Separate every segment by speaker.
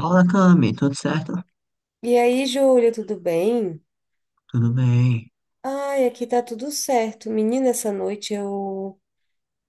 Speaker 1: Olá, Cami, tudo certo?
Speaker 2: E aí, Júlia, tudo bem?
Speaker 1: Tudo bem,
Speaker 2: Ai, aqui tá tudo certo. Menina, essa noite eu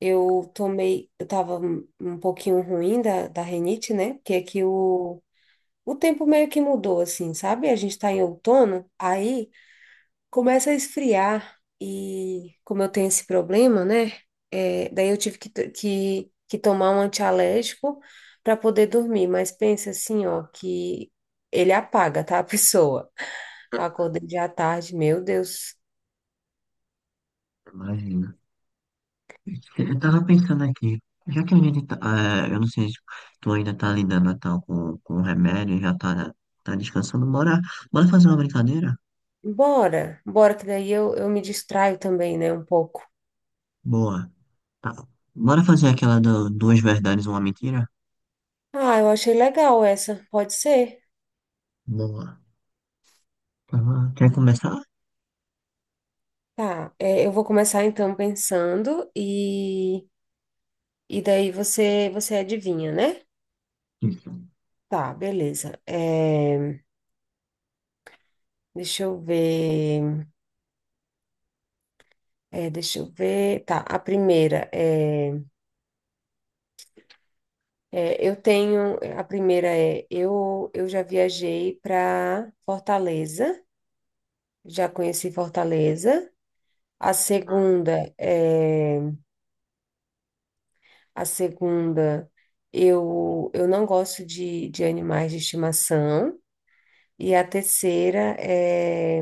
Speaker 2: eu tomei, eu tava um pouquinho ruim da rinite, né? Porque aqui o tempo meio que mudou, assim, sabe? A gente tá em outono, aí começa a esfriar e como eu tenho esse problema, né? Daí eu tive que tomar um antialérgico para poder dormir, mas pensa assim, ó, que ele apaga, tá, a pessoa. Acordei já à tarde, meu Deus.
Speaker 1: imagina. Eu tava pensando aqui, já que a gente tá, eu não sei se tu ainda tá lidando e tal com o remédio, tá descansando, bora fazer uma brincadeira?
Speaker 2: Bora, bora, que daí eu me distraio também, né, um pouco.
Speaker 1: Boa. Tá. Bora fazer aquela do, duas verdades, uma mentira?
Speaker 2: Ah, eu achei legal essa, pode ser?
Speaker 1: Boa. Tá. Bom. Quer começar?
Speaker 2: Tá, é, eu vou começar então pensando, e daí você adivinha, né?
Speaker 1: Isso.
Speaker 2: Tá, beleza. Deixa eu ver, deixa eu ver. Tá, a primeira é, eu já viajei para Fortaleza, já conheci Fortaleza. A segunda é a segunda, eu não gosto de animais de estimação e a terceira é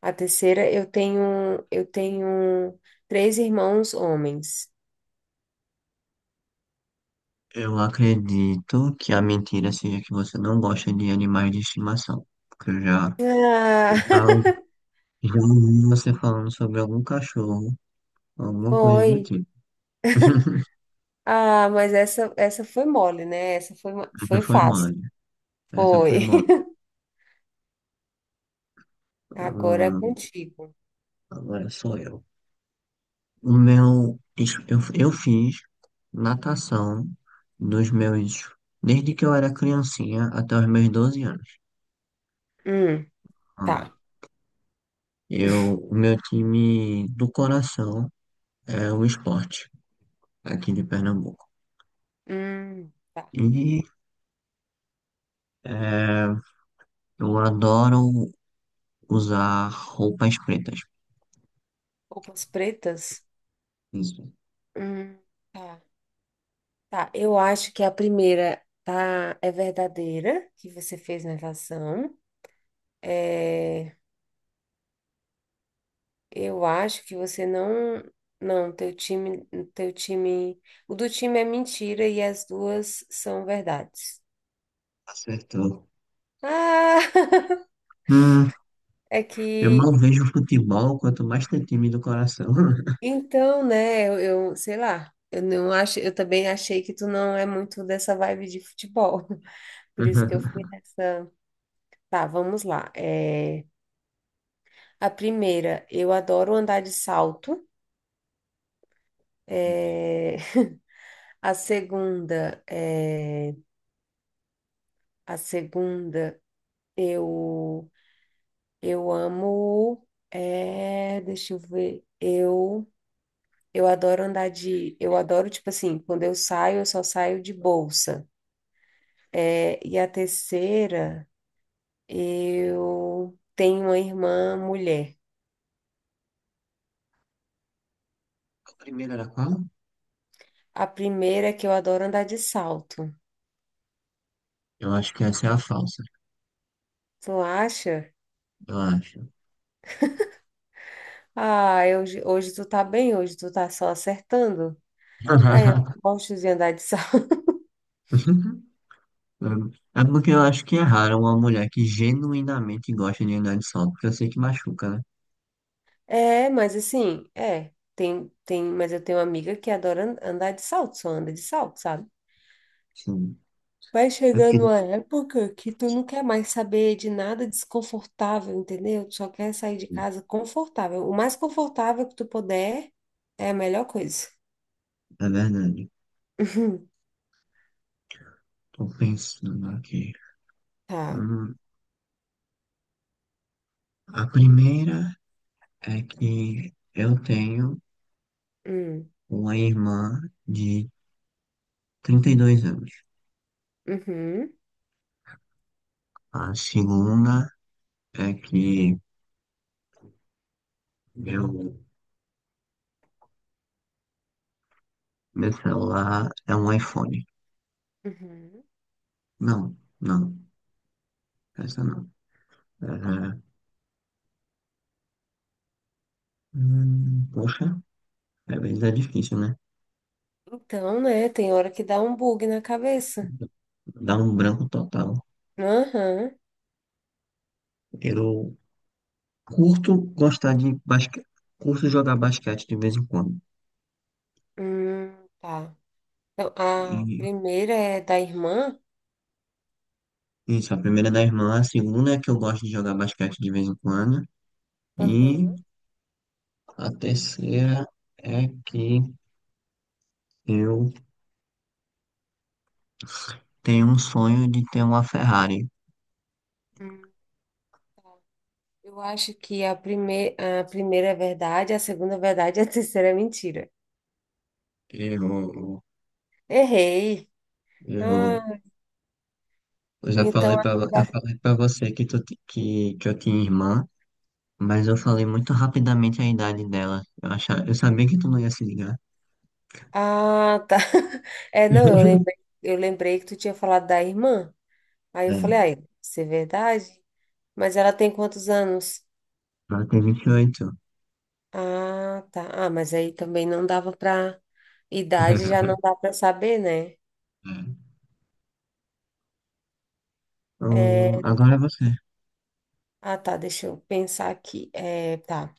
Speaker 2: a terceira eu tenho três irmãos homens.
Speaker 1: Eu acredito que a mentira seja que você não gosta de animais de estimação, porque
Speaker 2: Ah,
Speaker 1: eu já já ouvi você falando sobre algum cachorro, alguma coisa do
Speaker 2: foi.
Speaker 1: tipo.
Speaker 2: Ah, mas essa foi mole, né?
Speaker 1: Essa
Speaker 2: Foi
Speaker 1: foi
Speaker 2: fácil.
Speaker 1: mole. Essa foi
Speaker 2: Foi.
Speaker 1: mole.
Speaker 2: Agora é
Speaker 1: Ah,
Speaker 2: contigo.
Speaker 1: agora sou eu. O meu. Eu fiz natação dos meus. Desde que eu era criancinha até os meus 12 anos.
Speaker 2: Hum, tá.
Speaker 1: Ah, eu, o meu time do coração é o esporte, aqui de Pernambuco.
Speaker 2: Hum, tá.
Speaker 1: E é, eu adoro usar roupas pretas.
Speaker 2: Roupas pretas?
Speaker 1: Isso.
Speaker 2: Hum, tá. Tá, eu acho que a primeira tá, é verdadeira, que você fez natação. É, eu acho que você não. Não, teu time. O do time é mentira e as duas são verdades.
Speaker 1: Acertou.
Speaker 2: Ah!
Speaker 1: Hum,
Speaker 2: É
Speaker 1: eu mal
Speaker 2: que.
Speaker 1: vejo futebol, quanto mais ter time do coração.
Speaker 2: Então, né, eu sei lá. Eu não acho, eu também achei que tu não é muito dessa vibe de futebol. Por isso que eu fui nessa. Tá, vamos lá. A primeira, eu adoro andar de salto. É, a segunda, é, a segunda, eu, eu amo, é, deixa eu ver, eu adoro eu adoro, tipo assim, quando eu saio, eu só saio de bolsa. É, e a terceira, eu tenho uma irmã mulher.
Speaker 1: A primeira era qual?
Speaker 2: A primeira é que eu adoro andar de salto.
Speaker 1: Eu acho que essa é a falsa.
Speaker 2: Tu acha?
Speaker 1: Eu acho.
Speaker 2: Ah, hoje, hoje tu tá bem, hoje tu tá só acertando. Ah, eu gosto de andar de salto.
Speaker 1: É porque eu acho que é raro uma mulher que genuinamente gosta de andar de sol, porque eu sei que machuca, né?
Speaker 2: É, mas assim, mas eu tenho uma amiga que andar de salto, só anda de salto, sabe?
Speaker 1: Sim.
Speaker 2: Vai
Speaker 1: É porque... É
Speaker 2: chegando uma época que tu não quer mais saber de nada desconfortável, entendeu? Tu só quer sair de casa confortável. O mais confortável que tu puder é a melhor coisa.
Speaker 1: verdade.
Speaker 2: Uhum.
Speaker 1: Tô pensando aqui.
Speaker 2: Tá.
Speaker 1: Hum, a primeira é que eu tenho
Speaker 2: Hum.
Speaker 1: uma irmã de 32 anos.
Speaker 2: Uhum.
Speaker 1: A segunda é que meu, meu celular é um iPhone.
Speaker 2: Uhum.
Speaker 1: Não, não, essa não. É, poxa, às vezes é difícil, né?
Speaker 2: Então, né, tem hora que dá um bug na cabeça.
Speaker 1: Dá um branco total.
Speaker 2: Aham.
Speaker 1: Eu curto gostar de basquete, curto jogar basquete de vez em quando.
Speaker 2: Tá. Então, a
Speaker 1: E
Speaker 2: primeira é da irmã.
Speaker 1: isso, a primeira é da irmã, a segunda é que eu gosto de jogar basquete de vez em quando. E
Speaker 2: Aham.
Speaker 1: a terceira é que eu tenho um sonho de ter uma Ferrari.
Speaker 2: Hum. Eu acho que a, prime... A primeira é verdade, a segunda é verdade e a terceira é mentira.
Speaker 1: Eu
Speaker 2: Errei.
Speaker 1: Eu,
Speaker 2: Ah,
Speaker 1: eu já
Speaker 2: então.
Speaker 1: falei pra, eu falei pra você que, que eu tinha irmã, mas eu falei muito rapidamente a idade dela. Eu sabia que tu não ia se ligar.
Speaker 2: Ah, tá. É, não, eu lembrei que tu tinha falado da irmã. Aí eu falei,
Speaker 1: É,
Speaker 2: ai, isso é verdade? Mas ela tem quantos anos?
Speaker 1: ela tem 28.
Speaker 2: Ah, tá. Ah, mas aí também não dava pra. Idade já não dá pra saber, né?
Speaker 1: É.
Speaker 2: É,
Speaker 1: Agora é você.
Speaker 2: ah, tá. Deixa eu pensar aqui. É, tá.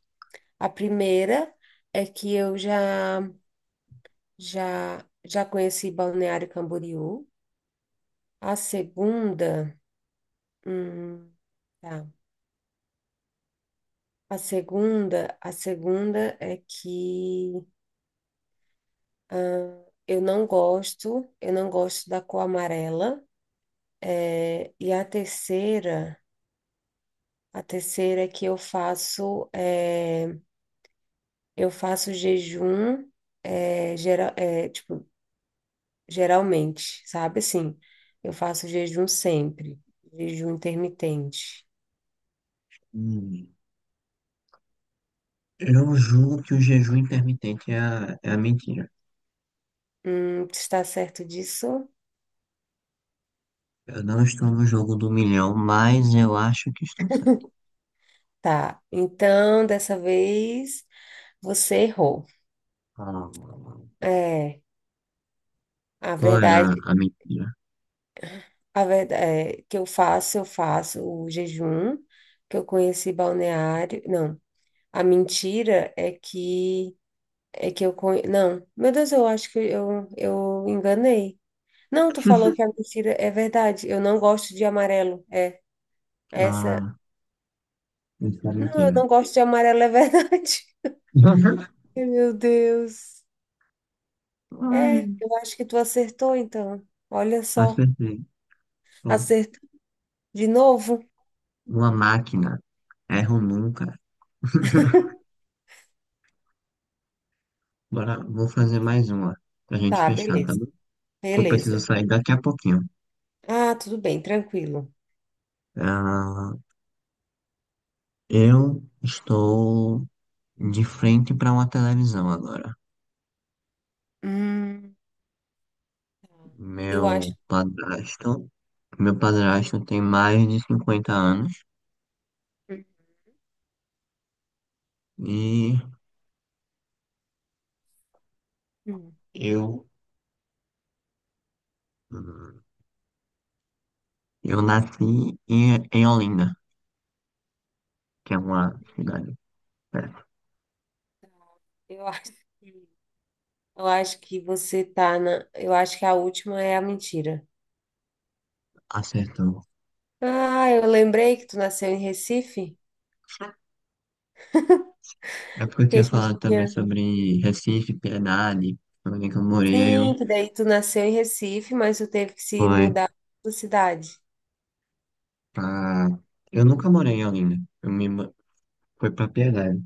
Speaker 2: A primeira é que eu já. Já, já conheci Balneário Camboriú. A segunda, hum, tá. A segunda é que eu não gosto da cor amarela. É, e a terceira é que eu faço jejum, é, geral, é, tipo, geralmente, sabe assim, eu faço jejum sempre, jejum intermitente.
Speaker 1: Hum, eu julgo que o jejum intermitente é a mentira
Speaker 2: Está certo disso?
Speaker 1: Eu não estou no jogo do milhão, mas eu acho que estou certo.
Speaker 2: Tá. Então, dessa vez, você errou.
Speaker 1: Ah,
Speaker 2: É, a
Speaker 1: qual era
Speaker 2: verdade,
Speaker 1: a mentira?
Speaker 2: a verdade é que eu faço o jejum, que eu conheci balneário. Não, a mentira é que não, meu Deus, eu acho que eu enganei. Não, tu falou que a mentira é verdade. Eu não gosto de amarelo. É, essa.
Speaker 1: Ah, isso é
Speaker 2: Não, eu
Speaker 1: mentira.
Speaker 2: não gosto de amarelo, é verdade. Ai, meu Deus.
Speaker 1: Ai,
Speaker 2: É, eu acho que tu acertou, então. Olha só,
Speaker 1: acertei. Pronto.
Speaker 2: acertou de novo.
Speaker 1: Uma máquina. Erro nunca. Bora, vou fazer mais uma pra gente
Speaker 2: Tá,
Speaker 1: fechar, tá
Speaker 2: beleza,
Speaker 1: bom? Que eu preciso
Speaker 2: beleza.
Speaker 1: sair daqui a pouquinho.
Speaker 2: Ah, tudo bem, tranquilo.
Speaker 1: Ah, eu estou de frente para uma televisão agora.
Speaker 2: Hum, eu acho,
Speaker 1: Meu padrasto, meu padrasto tem mais de 50 anos e
Speaker 2: hum,
Speaker 1: eu eu nasci em Olinda, que é uma cidade perto.
Speaker 2: eu acho, que- eu acho que você tá eu acho que a última é a mentira.
Speaker 1: Acertou.
Speaker 2: Ah, eu lembrei que tu nasceu em Recife,
Speaker 1: É porque eu
Speaker 2: que a
Speaker 1: tinha
Speaker 2: gente
Speaker 1: falado também
Speaker 2: tinha,
Speaker 1: sobre Recife, Piedade, onde que eu morei, eu
Speaker 2: sim, que daí tu nasceu em Recife, mas tu teve que se
Speaker 1: fui
Speaker 2: mudar para cidade.
Speaker 1: pra... Eu nunca morei em Olinda, fui pra Piedade.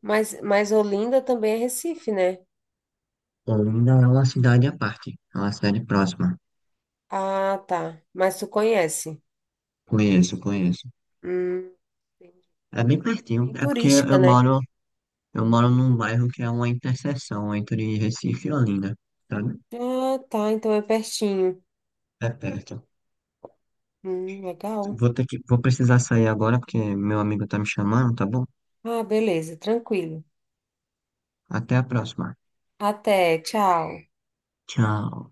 Speaker 2: Mas Olinda também é Recife, né?
Speaker 1: Olinda é uma cidade à parte, é uma cidade próxima.
Speaker 2: Ah, tá. Mas tu conhece?
Speaker 1: Conheço, conheço.
Speaker 2: Hum, entendi.
Speaker 1: É bem pertinho,
Speaker 2: Bem
Speaker 1: é porque
Speaker 2: turística, né?
Speaker 1: eu moro num bairro que é uma interseção entre Recife e Olinda, sabe?
Speaker 2: Ah, tá. Então é pertinho.
Speaker 1: É perto.
Speaker 2: Legal.
Speaker 1: Vou ter que... Vou precisar sair agora porque meu amigo tá me chamando, tá bom?
Speaker 2: Ah, beleza. Tranquilo.
Speaker 1: Até a próxima.
Speaker 2: Até. Tchau.
Speaker 1: Tchau.